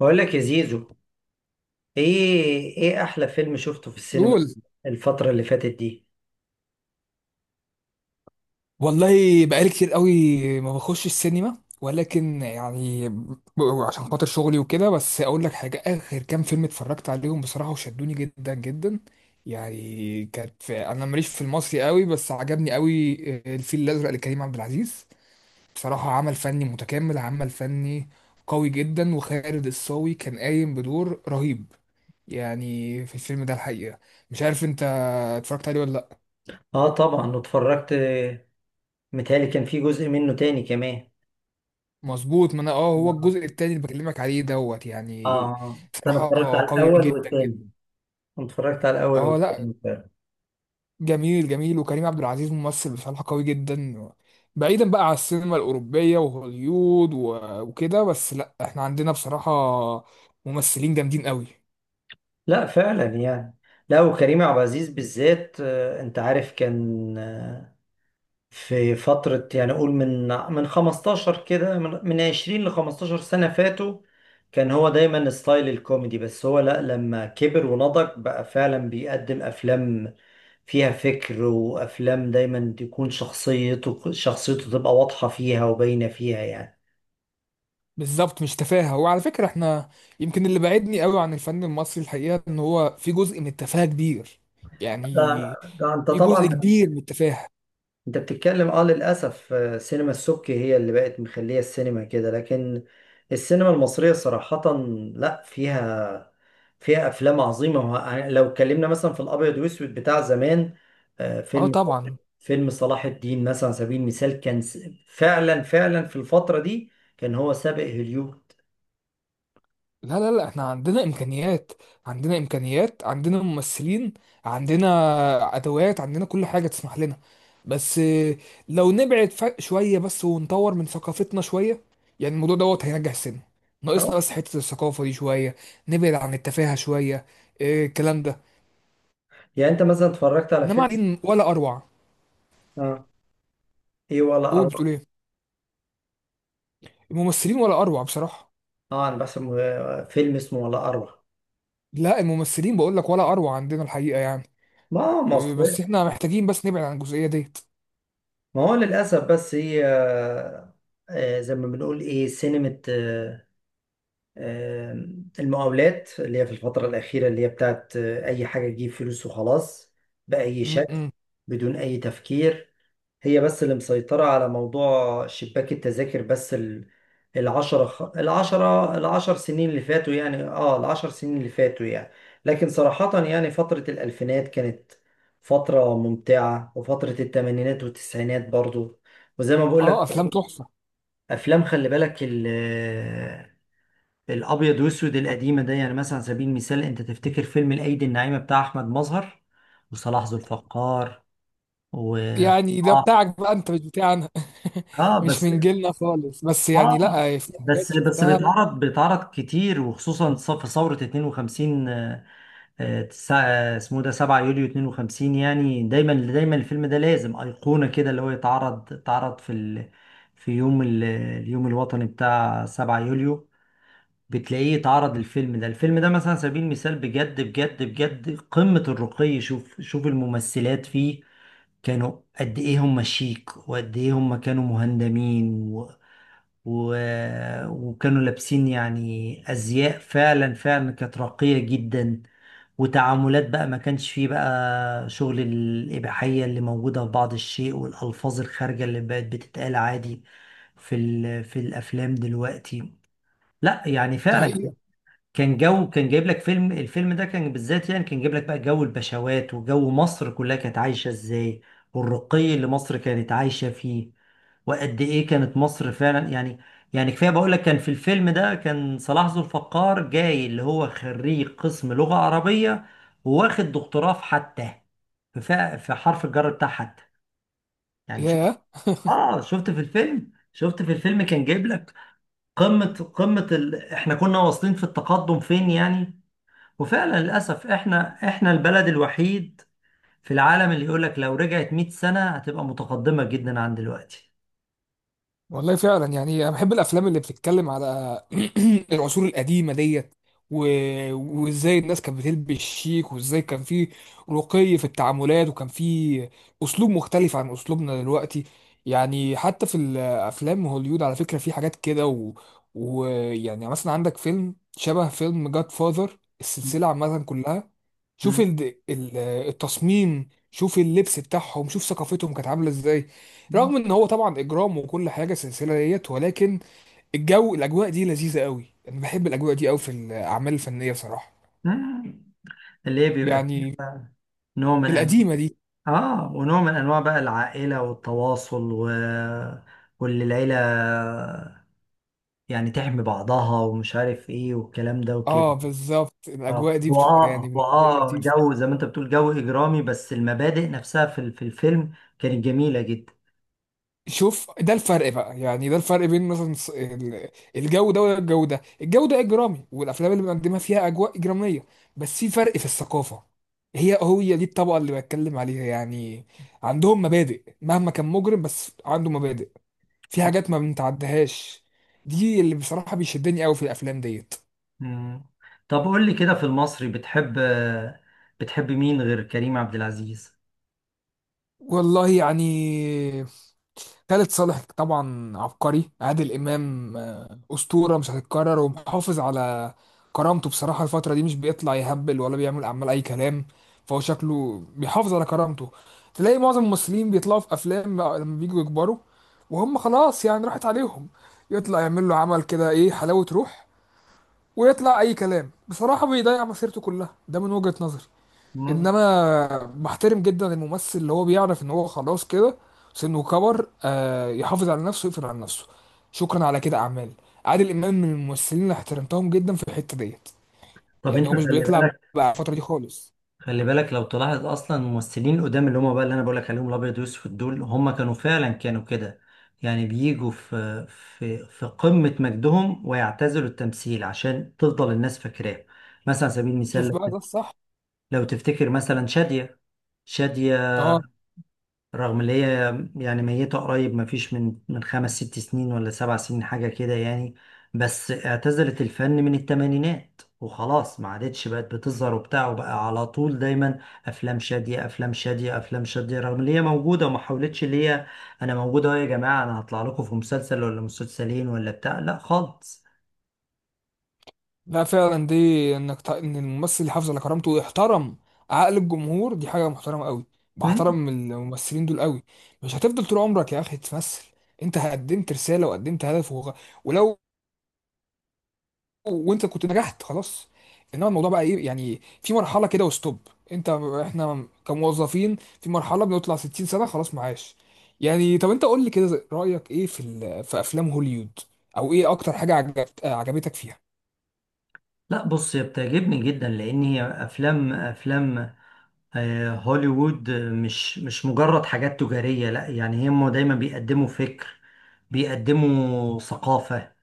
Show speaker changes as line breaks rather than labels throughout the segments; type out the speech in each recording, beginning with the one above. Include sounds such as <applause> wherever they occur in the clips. بقول لك يا زيزو، ايه احلى فيلم شفته في السينما
قول.
الفترة اللي فاتت دي؟
والله بقالي كتير قوي ما بخش السينما، ولكن يعني عشان خاطر شغلي وكده. بس اقول لك حاجه، اخر كام فيلم اتفرجت عليهم بصراحه وشدوني جدا جدا. يعني كانت في، انا ماليش في المصري قوي بس عجبني قوي الفيل الازرق لكريم عبد العزيز. بصراحه عمل فني متكامل، عمل فني قوي جدا. وخالد الصاوي كان قايم بدور رهيب يعني في الفيلم ده الحقيقه. مش عارف انت اتفرجت عليه ولا لا.
اه، طبعا واتفرجت. متهيألي كان في جزء منه تاني كمان.
مظبوط، ما انا هو الجزء التاني اللي بكلمك عليه دوت يعني.
اه، انا اتفرجت
صراحة
على
قوي
الاول
جدا
والتاني.
جدا.
أنا اتفرجت على الاول
اه لا،
والتاني فعلا.
جميل جميل. وكريم عبد العزيز ممثل بصراحة قوي جدا. بعيدا بقى على السينما الأوروبية وهوليود وكده، بس لا احنا عندنا بصراحة ممثلين جامدين قوي.
لا فعلا يعني. لا، وكريم عبد العزيز بالذات، انت عارف كان، في فترة يعني أقول من 15 كده من 20 ل 15 سنة فاتوا. كان هو دايما ستايل الكوميدي، بس هو لأ، لما كبر ونضج بقى فعلا بيقدم أفلام فيها فكر، وأفلام دايما تكون شخصيته تبقى واضحة فيها وباينة فيها يعني.
بالظبط، مش تفاهة. وعلى فكرة احنا، يمكن اللي بعدني قوي عن الفن المصري الحقيقة ان هو في جزء من التفاهة كبير يعني،
ده انت
في جزء
طبعا.
كبير من التفاهة.
انت بتتكلم، للاسف، سينما السبكي هي اللي بقت مخليه السينما كده. لكن السينما المصريه صراحه، لا فيها افلام عظيمه، يعني لو اتكلمنا مثلا في الابيض واسود بتاع زمان، آه،
اه
فيلم
طبعا.
فيلم صلاح الدين مثلا على سبيل المثال، فعلا فعلا في الفتره دي كان هو سابق هوليود.
لا لا لا، احنا عندنا امكانيات، عندنا امكانيات، عندنا ممثلين، عندنا ادوات، عندنا كل حاجه تسمح لنا. بس لو نبعد فرق شويه بس ونطور من ثقافتنا شويه، يعني الموضوع دوت هينجح السينما.
اه.
ناقصنا بس حته الثقافه دي شويه، نبعد عن التفاهه شويه. الكلام ده.
يعني انت مثلا اتفرجت على
انما
فيلم؟
قاعدين ولا اروع.
اه، ايه ولا
قول بتقول
اروع.
ايه؟ الممثلين ولا اروع بصراحه.
اه، انا بحسب فيلم اسمه ولا اروع.
لا، الممثلين بقول لك ولا اروع عندنا الحقيقه يعني.
ما مصر.
بس احنا محتاجين بس نبعد عن الجزئيه ديت.
ما هو للأسف، بس هي زي ما بنقول، إيه سينما آه، المقاولات، اللي هي في الفترة الأخيرة، اللي هي بتاعت أي حاجة تجيب فلوس وخلاص، بأي
م-
شكل،
م.
بدون أي تفكير، هي بس اللي مسيطرة على موضوع شباك التذاكر. بس العشرة العشرة العشر سنين اللي فاتوا يعني، اه، العشر سنين اللي فاتوا يعني. لكن صراحة يعني فترة الألفينات كانت فترة ممتعة، وفترة التمانينات والتسعينات برضو. وزي ما بقول
اه
لك،
افلام تحفه.
أفلام، خلي بالك، الأبيض وأسود القديمة ده، يعني مثلا على سبيل المثال، أنت تفتكر فيلم الأيدي الناعمة بتاع أحمد مظهر وصلاح ذو الفقار. و
يعني ده
اه
بتاعك بقى انت، مش بتاعنا <laughs>
آه،
مش
بس،
من جيلنا خالص، بس يعني
اه
لا في حاجات
بس
شفتها.
بيتعرض كتير، وخصوصا في ثورة 52، اسمه ده، 7 يوليو 52. يعني دايما دايما الفيلم ده لازم أيقونة كده، اللي هو اتعرض اليوم الوطني بتاع 7 يوليو، بتلاقيه اتعرض. الفيلم ده، مثلا على سبيل المثال، بجد بجد بجد قمة الرقي. شوف، شوف الممثلات فيه كانوا قد ايه هم شيك، وقد ايه هم كانوا مهندمين، و... وكانوا لابسين يعني أزياء فعلا فعلا كانت راقية جدا. وتعاملات بقى، ما كانش فيه بقى شغل الإباحية اللي موجودة في بعض الشيء، والألفاظ الخارجة اللي بقت بتتقال عادي في الأفلام دلوقتي. لا يعني
دي
فعلا
حقيقة.
كان جو، كان جايب لك فيلم، الفيلم ده كان بالذات يعني كان جايب لك بقى جو البشوات، وجو مصر كلها كانت عايشة ازاي، والرقي اللي مصر كانت عايشة فيه، وقد ايه كانت مصر فعلا يعني. يعني كفاية بقول لك، كان في الفيلم ده كان صلاح ذو الفقار جاي، اللي هو خريج قسم لغة عربية، وواخد دكتوراه في حتى، في حرف الجر بتاع حتى، يعني شوف.
ياه.
اه، شفت في الفيلم، كان جايب لك قمة، قمة احنا كنا واصلين في التقدم فين يعني. وفعلا للأسف احنا البلد الوحيد في العالم اللي يقولك لو رجعت 100 سنة هتبقى متقدمة جدا عن دلوقتي.
والله فعلا. يعني انا بحب الافلام اللي بتتكلم على <clears throat> العصور القديمه ديت و... وازاي الناس كانت بتلبس شيك، وازاي كان في رقي في التعاملات، وكان في اسلوب مختلف عن اسلوبنا دلوقتي. يعني حتى في الافلام هوليود على فكره في حاجات كده ويعني مثلا عندك فيلم شبه فيلم جاد فاذر، السلسله عامه كلها. شوف
م-
التصميم، شوف اللبس بتاعهم، شوف ثقافتهم كانت عامله ازاي.
م-
رغم ان هو طبعا اجرام وكل حاجه سلسله ديت، ولكن الاجواء دي لذيذه قوي. انا بحب الاجواء دي قوي في الاعمال الفنيه بصراحه.
م- اللي هي بيبقى فيه
يعني
بقى نوع من أنواع،
القديمه دي.
ونوع من أنواع بقى، العائلة والتواصل و... واللي العيلة يعني تحمي بعضها، ومش عارف إيه والكلام ده وكده.
اه بالظبط،
اه
الاجواء دي
هو،
بتبقى يعني
اه هو،
بالنسبه لي لطيفه.
جو زي ما انت بتقول، جو اجرامي، بس المبادئ نفسها في الفيلم كانت جميله جدا.
شوف ده الفرق بقى، يعني ده الفرق بين مثلا الجو ده وده، الجو ده اجرامي، والافلام اللي بنقدمها فيها اجواء اجراميه، بس في فرق في الثقافه. هي دي الطبقه اللي بتكلم عليها، يعني عندهم مبادئ. مهما كان مجرم بس عنده مبادئ، في حاجات ما بنتعدهاش. دي اللي بصراحة بيشدني قوي في الافلام ديت.
مم. طب قول لي كده، في المصري بتحب مين غير كريم عبد العزيز؟
والله يعني، خالد صالح طبعا عبقري، عادل امام اسطورة مش هتتكرر. ومحافظ على كرامته بصراحة، الفترة دي مش بيطلع يهبل ولا بيعمل اعمال اي كلام، فهو شكله بيحافظ على كرامته. تلاقي معظم الممثلين بيطلعوا في افلام بقى لما بييجوا يكبروا وهم خلاص يعني راحت عليهم، يطلع يعمل له عمل كده ايه، حلاوة روح، ويطلع اي كلام، بصراحة بيضيع مسيرته كلها، ده من وجهة نظري.
مم.
انما محترم جدا الممثل اللي هو بيعرف ان هو خلاص كده، سنه كبر، يحافظ على نفسه ويقفل على نفسه، شكرا على كده اعمال. عادل امام من الممثلين اللي احترمتهم جدا في الحته ديت،
طب انت
يعني هو مش
خلي
بيطلع
بالك،
بقى الفتره دي خالص.
خلي بالك، لو تلاحظ اصلا الممثلين قدام، اللي هم بقى، اللي انا بقول لك عليهم الابيض والاسود دول، هم كانوا فعلا كانوا كده يعني، بيجوا في قمة مجدهم ويعتزلوا التمثيل عشان تفضل الناس فاكراه. مثلا على سبيل
شوف
المثال،
بقى ده الصح.
لو تفتكر مثلا شادية، شادية
اه،
رغم اللي هي يعني ميتة قريب، مفيش من خمس ست سنين ولا سبع سنين حاجة كده يعني، بس اعتزلت الفن من التمانينات وخلاص. ما عادتش بقت بتظهر وبتاع، وبقى على طول دايما أفلام شادية، أفلام شادية، أفلام شادية، رغم اللي هي موجودة وما حاولتش اللي هي أنا موجودة أهو يا جماعة، أنا هطلع لكم في مسلسل ولا مسلسلين ولا بتاع، لا خالص.
لا فعلا، دي انك ان الممثل يحافظ على كرامته ويحترم عقل الجمهور، دي حاجه محترمه قوي.
مم.
بحترم الممثلين دول قوي. مش هتفضل طول عمرك يا اخي تمثل، انت قدمت رساله وقدمت هدف ولو وانت كنت نجحت خلاص. انما الموضوع بقى ايه، يعني في مرحله كده وستوب. انت احنا كموظفين في مرحله بنطلع 60 سنه خلاص معاش. يعني طب انت قول لي كده، رايك ايه في في افلام هوليوود، او ايه اكتر حاجه عجبتك فيها؟
لا، بص، هي بتعجبني جدا لأن هي أفلام هوليوود مش مجرد حاجات تجارية، لا يعني هم دايما بيقدموا فكر، بيقدموا ثقافة،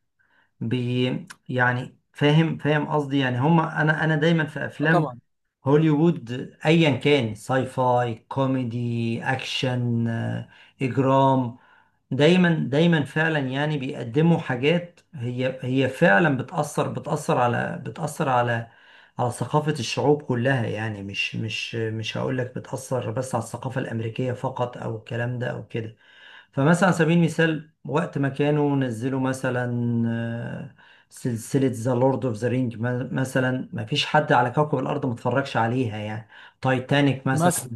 يعني فاهم قصدي يعني، هم انا دايما في افلام
طبعا.
هوليوود، ايا كان ساي فاي، كوميدي، اكشن، اجرام، دايما دايما فعلا يعني بيقدموا حاجات هي فعلا بتأثر على ثقافة الشعوب كلها يعني، مش هقول لك بتأثر بس على الثقافة الأمريكية فقط، أو الكلام ده أو كده. فمثلا على سبيل المثال، وقت ما كانوا نزلوا مثلا آه، سلسلة ذا لورد اوف ذا رينج مثلا، ما فيش حد على كوكب الأرض ما اتفرجش عليها يعني. تايتانيك مثلا،
مثلا.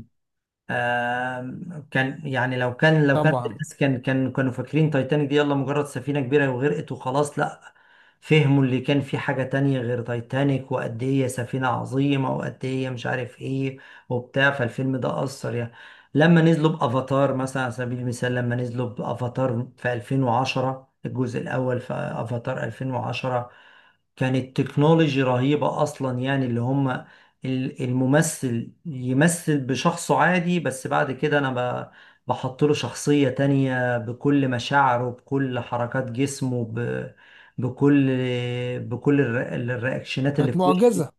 كان يعني، لو كان
طبعا.
الناس كانوا فاكرين تايتانيك دي يلا مجرد سفينة كبيرة وغرقت وخلاص، لا. فهموا اللي كان في حاجة تانية غير تايتانيك، وقد ايه هي سفينة عظيمة، وقد ايه هي مش عارف ايه وبتاع، فالفيلم ده أثر يعني. لما نزلوا بأفاتار مثلا على سبيل المثال لما نزلوا بأفاتار في 2010، الجزء الأول في أفاتار 2010، كانت تكنولوجي رهيبة أصلا يعني، اللي هم الممثل يمثل بشخصه عادي، بس بعد كده انا ب- بحط له شخصية تانية، بكل مشاعره، بكل حركات جسمه، بكل، بكل الر- الرياكشنات اللي
كانت
في وشه.
معجزه.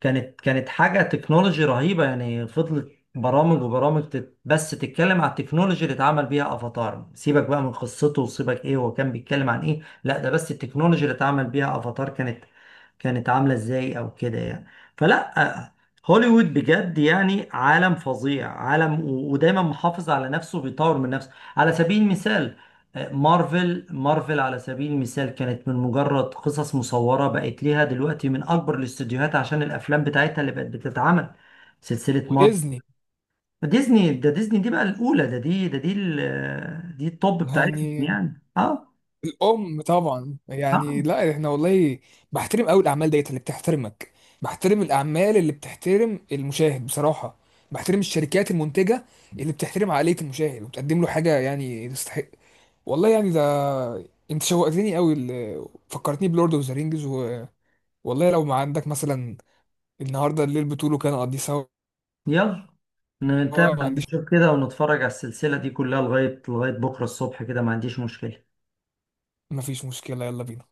كانت حاجة تكنولوجي رهيبة يعني. فضلت برامج وبرامج، بس تتكلم على التكنولوجي اللي اتعمل بيها افاتار، سيبك بقى من قصته، وسيبك ايه هو كان بيتكلم عن ايه، لا، ده بس التكنولوجي اللي اتعمل بيها افاتار كانت عاملة ازاي او كده يعني. فلا، هوليوود بجد يعني عالم فظيع، عالم و- ودايما محافظ على نفسه، بيطور من نفسه. على سبيل المثال، مارفل، مارفل على سبيل المثال كانت من مجرد قصص مصورة، بقت ليها دلوقتي من أكبر الاستديوهات عشان الأفلام بتاعتها اللي بقت بتتعمل سلسلة مارفل.
وديزني.
ديزني، ده ديزني دي بقى الأولى، دي التوب بتاعتهم
يعني
يعني. اه،
الام طبعا. يعني
اه،
لا احنا والله بحترم قوي الاعمال ديت اللي بتحترمك، بحترم الاعمال اللي بتحترم المشاهد بصراحه، بحترم الشركات المنتجه اللي بتحترم عقليه المشاهد وبتقدم له حاجه يعني تستحق. والله يعني ده، انت شوقتني قوي. فكرتني بلورد اوف ذا رينجز والله لو ما عندك مثلا النهارده الليل بتقوله كان اقضيه سوا.
يلا
ما
نتابع،
عنديش،
نشوف كده ونتفرج على السلسلة دي كلها لغاية، بكرة الصبح كده، ما عنديش مشكلة.
ما فيش مشكله، يلا بينا.